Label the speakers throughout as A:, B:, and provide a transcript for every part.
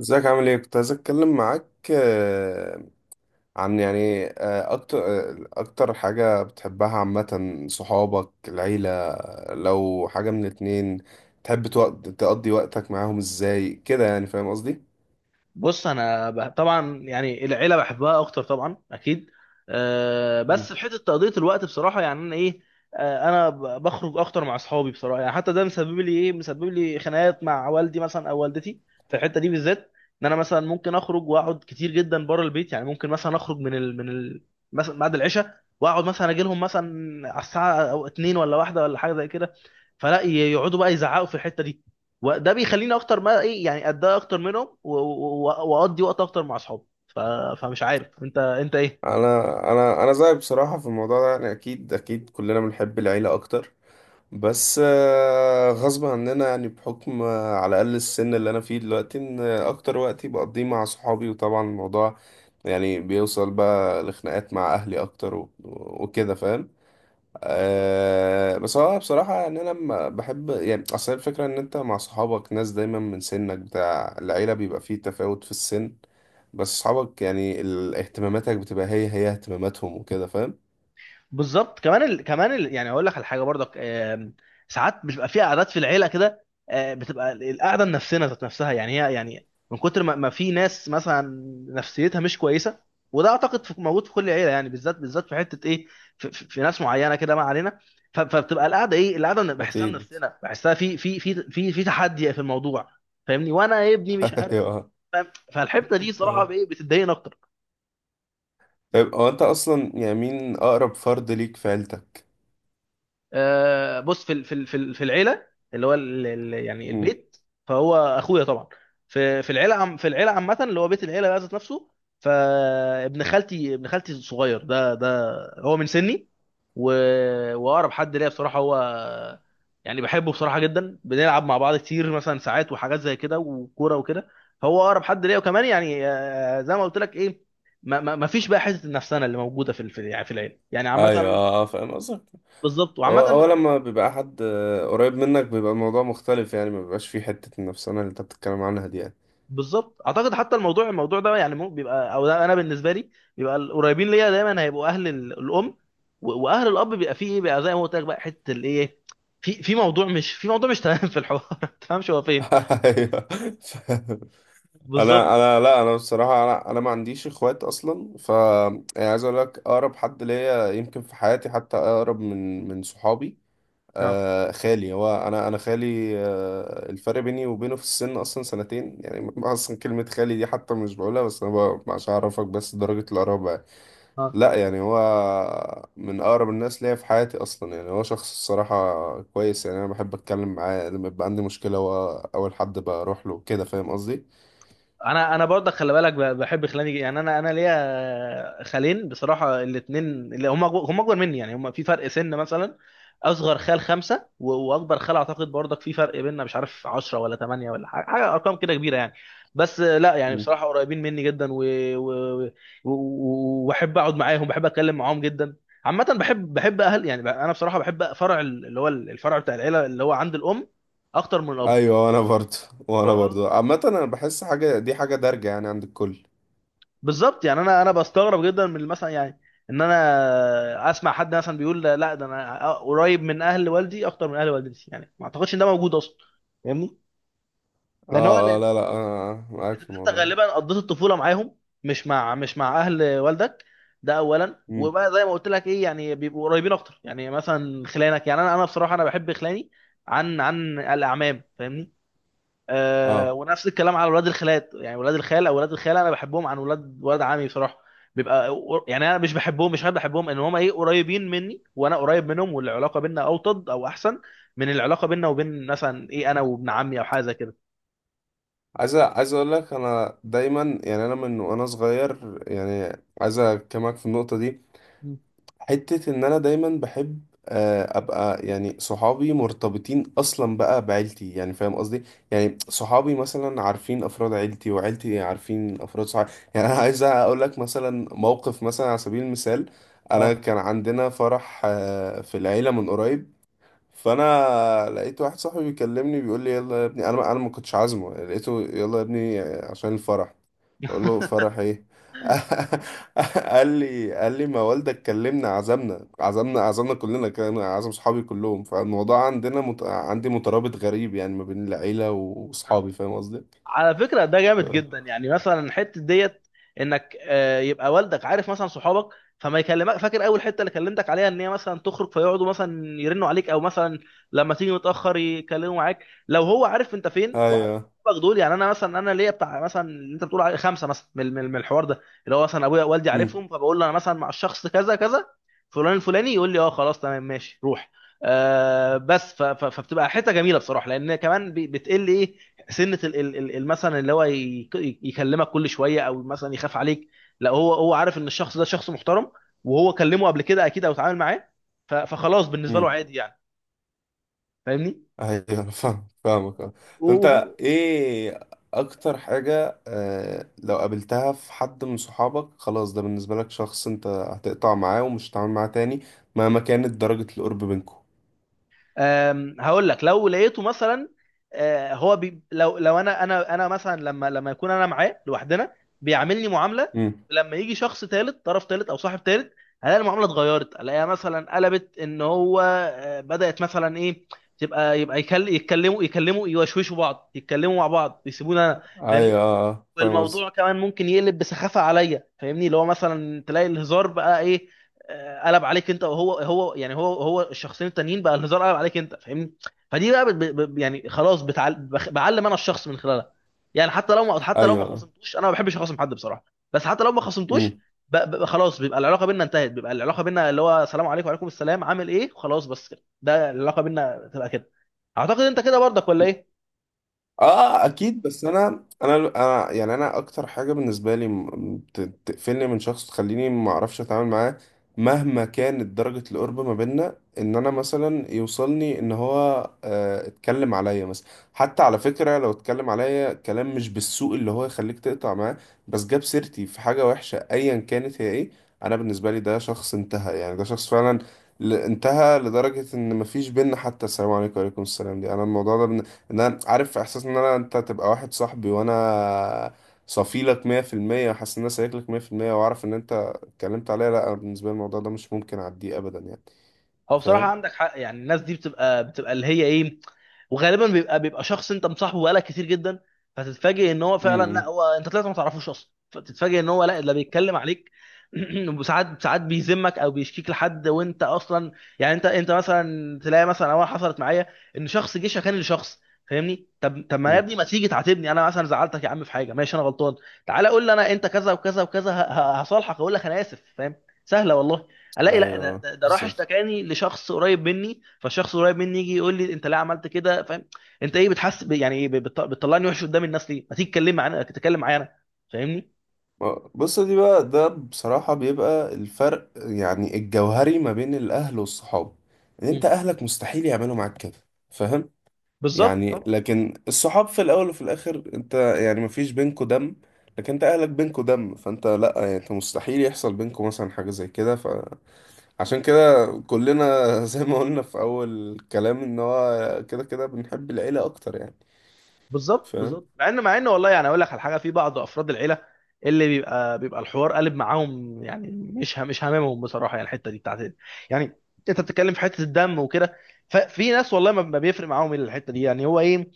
A: ازيك، عامل ايه؟ كنت عايز اتكلم معاك عن اكتر، اكتر حاجة بتحبها عامة، صحابك، العيلة؟ لو حاجة من الاتنين تحب تقضي وقتك معاهم ازاي كده؟ يعني فاهم قصدي.
B: بص، انا طبعا يعني العيله بحبها اكتر، طبعا اكيد.
A: مم.
B: بس في حته تقضيه الوقت بصراحه، يعني انا ايه. انا بخرج اكتر مع اصحابي بصراحه، يعني حتى ده مسبب لي خناقات مع والدي مثلا او والدتي في الحته دي بالذات. ان انا مثلا ممكن اخرج واقعد كتير جدا بره البيت، يعني ممكن مثلا اخرج مثلا بعد العشاء واقعد مثلا اجي لهم مثلا على الساعه او اتنين ولا واحده ولا حاجه زي كده. فلا يقعدوا بقى يزعقوا في الحته دي، وده بيخليني اكتر ما ايه، يعني اتضايق اكتر منهم و- و- و- واقضي وقت اكتر مع اصحابي فمش عارف انت ايه.
A: انا زيك بصراحة في الموضوع ده. يعني اكيد كلنا بنحب العيلة اكتر، بس غصب عننا يعني، بحكم على الأقل السن اللي أنا فيه دلوقتي، إن أكتر وقت بقضيه مع صحابي. وطبعا الموضوع يعني بيوصل بقى لخناقات مع أهلي أكتر وكده فاهم. أه، بس هو بصراحة يعني أنا لما بحب، يعني أصل الفكرة إن أنت مع صحابك ناس دايما من سنك، بتاع العيلة بيبقى فيه تفاوت في السن. بس صحابك يعني اهتماماتك بتبقى هي هي اهتماماتهم وكده فاهم.
B: بالظبط. يعني هقول لك على حاجه برضك. ساعات بتبقى في قعدات في العيله كده، بتبقى القعده النفسيه ذات نفسها، يعني هي يعني من كتر ما في ناس مثلا نفسيتها مش كويسه. وده اعتقد موجود في كل عيله، يعني بالذات في حته ايه، في، في ناس معينه كده، ما علينا. ف- فبتبقى القعده ايه، القعده أنا بحسها،
A: أكيد.
B: نفسنا بحسها في في تحدي في الموضوع. فاهمني؟ وانا يا ابني مش عارف. فاهم؟ فالحته دي صراحه
A: أيوه.
B: بايه بتضايقني اكتر.
A: طيب هو انت اصلا يعني مين اقرب فرد ليك في عيلتك؟
B: بص، في العيله اللي هو يعني
A: امم.
B: البيت، فهو اخويا طبعا. في العيله عامه اللي هو بيت العيله بقى ذات نفسه، فابن خالتي، ابن خالتي الصغير ده هو من سني و... واقرب حد ليا بصراحه هو، يعني بحبه بصراحه جدا، بنلعب مع بعض كتير مثلا ساعات وحاجات زي كده وكوره وكده. هو اقرب حد ليا، وكمان يعني، زي ما قلت لك ايه، ما فيش بقى حته النفسانه اللي موجوده في، يعني في العيله يعني
A: ايوه،
B: عامه.
A: اه فاهم قصدك.
B: بالظبط. وعامه
A: هو
B: انا
A: هو
B: بحب.
A: لما بيبقى حد قريب منك بيبقى الموضوع مختلف، يعني ما بيبقاش فيه حتة النفسانة اللي انت بتتكلم عنها دي يعني.
B: بالظبط، اعتقد حتى الموضوع، الموضوع ده يعني بيبقى او ده انا بالنسبه لي، بيبقى القريبين ليا دايما هيبقوا اهل الام، و- واهل الاب بيبقى فيه ايه بقى، زي ما قلت لك بقى حته الايه، في موضوع مش، في موضوع مش تمام في الحوار ما تفهمش هو فين.
A: ايوه فاهم. انا
B: بالظبط.
A: انا لا، انا بصراحة انا انا ما عنديش اخوات اصلا. ف يعني عايز اقول لك اقرب حد ليا يمكن في حياتي، حتى اقرب من صحابي،
B: اه،
A: آه، خالي. هو انا خالي، آه، الفرق بيني وبينه في السن اصلا سنتين يعني. اصلا كلمه خالي دي حتى مش بقولها، بس انا عشان اعرفك بس درجه القرابه يعني. لا، يعني هو من اقرب الناس ليا في حياتي اصلا. يعني هو شخص الصراحه كويس. يعني انا بحب اتكلم معاه لما يبقى عندي مشكله، هو اول حد بروح له كده فاهم قصدي.
B: انا برضه خلي بالك، بحب خلاني، يعني انا ليا خالين بصراحه، الاثنين اللي هم اكبر مني يعني، هم في فرق سن مثلا اصغر خال خمسه، و- واكبر خال اعتقد برضك في فرق بيننا مش عارف، 10 ولا 8 ولا حاجه ارقام كده كبيره يعني. بس، لا يعني
A: مم.
B: بصراحه قريبين مني جدا، و- و- و- و- واحب اقعد معاهم، بحب اتكلم معاهم جدا. عامه بحب، اهل يعني، انا بصراحه بحب فرع اللي هو الفرع بتاع العيله اللي هو عند الام اكتر من الاب.
A: ايوه. وانا برضه عامه انا بحس حاجه دي حاجه دارجه يعني عند الكل.
B: بالظبط، يعني انا بستغرب جدا من مثلا يعني، ان انا اسمع حد مثلا بيقول لا لا، ده انا قريب من اهل والدي اكتر من اهل والدتي. يعني ما اعتقدش ان ده موجود اصلا، فاهمني؟ لان هو
A: اه، اه،
B: لان
A: لا، لا، انا معاك في
B: انت
A: الموضوع ده.
B: غالبا قضيت الطفوله معاهم، مش مع اهل والدك. ده اولا،
A: مم.
B: وبقى زي ما قلت لك ايه، يعني بيبقوا قريبين اكتر، يعني مثلا خلانك، يعني انا بصراحه انا بحب خلاني عن الاعمام، فاهمني؟ آه،
A: اه.
B: ونفس الكلام على ولاد الخالات، يعني ولاد الخال او ولاد الخاله انا بحبهم عن ولاد عمي بصراحه. بيبقى يعني انا مش بحبهم، مش حابب بحبهم، ان هم ايه، قريبين مني وانا قريب منهم، والعلاقه بينا اوطد او احسن من العلاقه بينا وبين مثلا ايه، انا وابن عمي او حاجه زي كده.
A: عايز اقول لك، انا دايما يعني انا من وانا صغير يعني، عايز اكلمك في النقطه دي.
B: مم.
A: حته ان انا دايما بحب، ابقى يعني صحابي مرتبطين اصلا بقى بعيلتي. يعني فاهم قصدي، يعني صحابي مثلا عارفين افراد عيلتي وعيلتي عارفين افراد صحابي. يعني انا عايز اقول لك مثلا موقف مثلا على سبيل المثال، انا
B: اه.
A: كان عندنا فرح في العيله من قريب. فانا لقيت واحد صاحبي بيكلمني بيقول لي يلا يا ابني، انا انا ما كنتش عازمه، لقيته يلا يا ابني عشان الفرح. اقول له فرح ايه؟ قال لي ما والدك كلمنا، عزمنا عزمنا كلنا، كان عزم صحابي كلهم. فالموضوع عندنا عندي مترابط غريب يعني ما بين العيلة
B: آه.
A: واصحابي فاهم قصدي.
B: على فكرة ده جامد جدا،
A: ف-
B: يعني مثلا حتة ديت انك، يبقى والدك عارف مثلا صحابك، فما يكلمك. فاكر اول حتة اللي كلمتك عليها ان هي مثلا تخرج، فيقعدوا مثلا يرنوا عليك او مثلا لما تيجي متأخر يكلموا معاك. لو هو عارف انت فين وعارف
A: ايوه.
B: صحابك دول، يعني انا مثلا انا ليا بتاع مثلا اللي انت بتقول عليه خمسة مثلا من الحوار ده، اللي هو مثلا ابويا والدي عارفهم، فبقول له انا مثلا مع الشخص كذا كذا، فلان الفلاني، يقول لي اه خلاص تمام ماشي روح. بس ف- ف- فبتبقى حته جميله بصراحه، لان كمان بتقل ايه سنه مثلا اللي هو يكلمك كل شويه او مثلا يخاف عليك. لا، هو عارف ان الشخص ده شخص محترم، وهو كلمه قبل كده اكيد او اتعامل معاه، ف- فخلاص بالنسبه له
A: امم.
B: عادي يعني، فاهمني؟
A: ايوه. أنا فاهم، فاهمك اه.
B: وب-
A: انت ايه اكتر حاجة آه لو قابلتها في حد من صحابك خلاص ده بالنسبة لك شخص انت هتقطع معاه، ومش هتتعامل معاه تاني مهما كانت درجة القرب بينكم؟
B: هقول لك، لو لقيته مثلا، هو بي لو، انا، انا مثلا لما، يكون انا معاه لوحدنا بيعاملني معامله،
A: امم.
B: لما يجي شخص ثالث، طرف ثالث او صاحب ثالث، هلاقي المعامله اتغيرت، الاقيها مثلا قلبت، ان هو بدات مثلا ايه، يبقى يتكلموا، يوشوشوا بعض، يتكلموا مع بعض، يسيبونا.
A: ايوه، فاهم قصدي.
B: والموضوع كمان ممكن يقلب بسخافه عليا، فاهمني؟ اللي هو مثلا تلاقي الهزار بقى ايه، قلب عليك انت وهو، هو يعني، هو الشخصين التانيين بقى، الهزار قلب عليك انت، فاهمني؟ فدي بقى يعني خلاص بعلم انا الشخص من خلالها. يعني حتى لو ما،
A: ايوه آه.
B: خصمتوش، انا ما بحبش اخصم حد بصراحه، بس حتى لو ما خصمتوش،
A: مم.
B: خلاص بيبقى العلاقه بينا انتهت، بيبقى العلاقه بينا اللي هو سلام عليكم وعليكم السلام، عامل ايه، خلاص بس كده. ده العلاقه بينا تبقى كده، اعتقد انت كده برضك ولا ايه؟
A: اه اكيد. بس انا يعني انا اكتر حاجه بالنسبه لي تقفلني من شخص، تخليني ما اعرفش اتعامل معاه مهما كانت درجه القرب ما بيننا، ان انا مثلا يوصلني ان هو اتكلم عليا مثلا، حتى على فكره لو اتكلم عليا كلام مش بالسوء اللي هو يخليك تقطع معاه، بس جاب سيرتي في حاجه وحشه ايا كانت هي ايه، انا بالنسبه لي ده شخص انتهى. يعني ده شخص فعلا انتهى لدرجه ان مفيش بينا حتى السلام عليكم وعليكم السلام دي. انا الموضوع ده، ان انا عارف احساس ان انا، انت تبقى واحد صاحبي وانا صفيلك 100%، وحاسس ان انا سايق لك 100%، واعرف ان انت اتكلمت عليا، لا، أنا بالنسبه لي الموضوع ده مش ممكن اعديه ابدا يعني.
B: هو بصراحة
A: فاهم.
B: عندك حق، يعني الناس دي بتبقى، اللي هي ايه، وغالبا بيبقى، شخص انت مصاحبه بقالك كتير جدا، فتتفاجئ ان هو
A: امم،
B: فعلا لا،
A: امم،
B: هو انت طلعت ما تعرفوش اصلا، فتتفاجئ ان هو لا، ده بيتكلم عليك. وساعات ساعات بيذمك او بيشكيك لحد وانت اصلا يعني، انت، مثلا تلاقي مثلا اول حصلت معايا، ان شخص جه شكاني لشخص، فاهمني؟ طب طب، ما يا
A: إمم.
B: ابني ما تيجي تعاتبني، انا مثلا زعلتك يا عم في حاجه، ماشي انا غلطان، تعالى قول لي انا، انت كذا وكذا وكذا، هصالحك، اقول لك انا اسف، فاهم؟ سهله والله. الاقي لا،
A: ايوه
B: ده راح
A: بالظبط.
B: اشتكاني لشخص قريب مني، فالشخص القريب مني يجي يقول لي انت ليه عملت كده، فاهم؟ انت ايه، بتحس يعني ايه، بتطلعني وحش قدام الناس ليه، ما تيجي تتكلم معايا انا، فاهمني؟
A: بص دي بقى، ده بصراحه بيبقى الفرق يعني الجوهري ما بين الاهل والصحاب، ان
B: مم.
A: انت اهلك مستحيل يعملوا معاك كده فاهم.
B: بالظبط
A: يعني
B: طبعا.
A: لكن الصحاب في الاول وفي الاخر انت يعني مفيش بينكوا دم، لكن انت اهلك بينكوا دم، فانت لا يعني انت مستحيل يحصل بينكوا مثلا حاجة زي كده. فعشان كده كلنا زي ما قلنا في اول الكلام ان هو كده كده بنحب العيلة اكتر يعني. فاهم.
B: بالظبط، مع ان، والله يعني اقول لك على حاجه، في بعض افراد العيله اللي بيبقى، الحوار قالب معاهم، يعني مش هاممهم بصراحه، يعني الحته دي بتاعت يعني، انت بتتكلم في حته الدم وكده، ففي ناس والله ما بيفرق معاهم الحته دي، يعني هو ايه،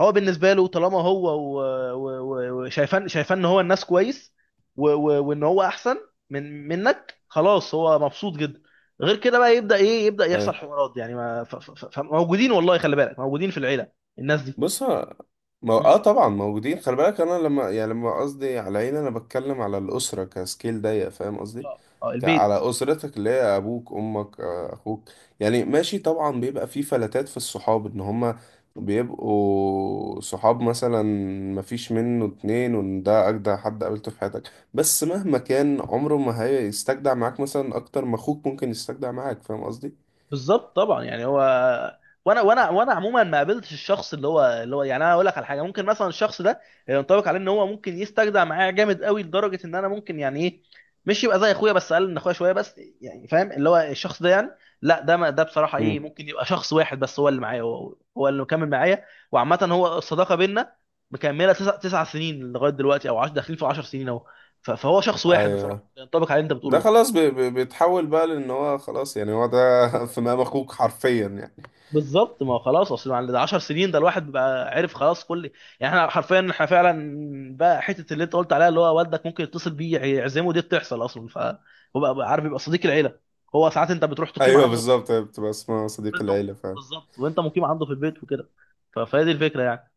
B: هو بالنسبه له طالما هو و- و- و- وشايفان، ان هو الناس كويس و- و- وان هو احسن منك، خلاص هو مبسوط جدا، غير كده بقى يبدا ايه، يبدا يحصل
A: أيوه.
B: حوارات. يعني ما موجودين والله، خلي بالك موجودين في العيله الناس دي.
A: بص ه- ما
B: مم.
A: اه طبعا موجودين. خلي بالك، انا لما يعني لما قصدي على عيلة انا بتكلم على الاسره كسكيل ضيق فاهم قصدي.
B: اه، البيت.
A: على اسرتك اللي هي ابوك، امك، اخوك. يعني ماشي طبعا بيبقى في فلتات في الصحاب ان هما بيبقوا صحاب مثلا مفيش منه اتنين، وان ده اجدع حد قابلته في حياتك، بس مهما كان عمره ما هيستجدع معاك مثلا اكتر ما اخوك ممكن يستجدع معاك فاهم قصدي.
B: بالظبط طبعا، يعني هو، وانا عموما ما قابلتش الشخص اللي هو، يعني انا اقول لك على حاجه، ممكن مثلا الشخص ده ينطبق عليه ان هو ممكن يستجدع معايا جامد قوي، لدرجه ان انا ممكن يعني ايه، مش يبقى زي اخويا، بس اقل من اخويا شويه بس، يعني فاهم اللي هو الشخص ده، يعني لا، ده، ما ده بصراحه ايه،
A: امم.
B: ممكن يبقى شخص واحد بس هو اللي معايا، هو اللي مكمل معايا. وعامه هو الصداقه بينا مكمله تسع، سنين لغايه دلوقتي، او داخلين في 10 سنين اهو، ف- فهو شخص واحد
A: ايوه.
B: بصراحه ينطبق على اللي انت بتقوله
A: ده
B: ده.
A: خلاص بيتحول بقى، لان هو خلاص يعني هو ده في مقام اخوك حرفيا يعني.
B: بالظبط، ما هو خلاص، اصل بعد 10 سنين ده الواحد بقى عرف خلاص كل، يعني احنا حرفيا، فعلا بقى حته اللي انت قلت عليها، اللي هو والدك ممكن يتصل بيه يعزمه، دي بتحصل اصلا، فهو بقى، عارف يبقى صديق العيله، هو ساعات انت بتروح تقيم
A: ايوه
B: عنده في البيت.
A: بالظبط، هي بتبقى اسمها صديق العيله فعلا.
B: بالظبط، وانت مقيم عنده في البيت وكده، ف- فهي دي الفكره يعني.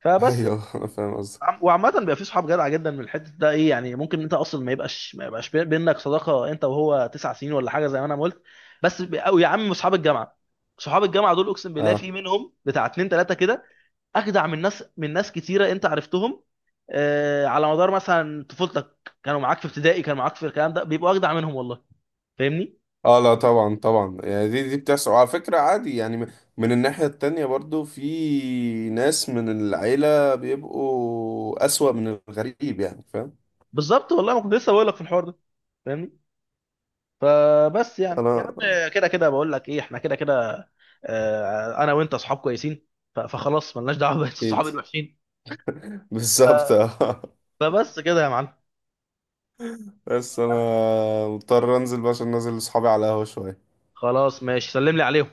B: فبس.
A: ايوه انا فاهم قصدك.
B: وعامة بيبقى في صحاب جدع جدا من الحتة ده ايه، يعني ممكن انت اصلا ما يبقاش، بينك صداقة انت وهو تسع سنين ولا حاجة زي ما انا ما قلت، بس او يا عم صحاب الجامعة، صحاب الجامعة دول اقسم بالله في
A: اه.
B: منهم بتاع اتنين تلاتة كده اجدع من ناس، كتيرة انت عرفتهم آه، على مدار مثلا طفولتك، كانوا معاك في ابتدائي، كانوا معاك في الكلام ده، بيبقوا اجدع منهم والله، فاهمني؟
A: اه لا، طبعا، طبعا، يعني دي بتحصل، وعلى فكره عادي يعني. من الناحيه التانية برضو في ناس من العيله بيبقوا اسوأ من الغريب يعني فاهم.
B: بالظبط، والله ما كنت لسه بقول لك في الحوار ده، فاهمني؟ فبس يعني يا
A: انا
B: عم، كده كده بقول لك ايه، احنا كده كده، انا وانت اصحاب كويسين، ف- فخلاص ملناش دعوه بقية الصحاب
A: اكيد.
B: الوحشين.
A: بالظبط
B: ف-
A: اه.
B: فبس كده يا معلم.
A: بس
B: طب
A: انا
B: انا،
A: مضطر انزل بقى عشان نازل لاصحابي على القهوه شويه.
B: خلاص ماشي، سلم لي عليهم.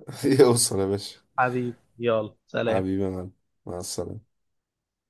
A: يوصل يا باشا.
B: حبيبي يلا سلام.
A: حبيبي يا معلم. مع السلامة.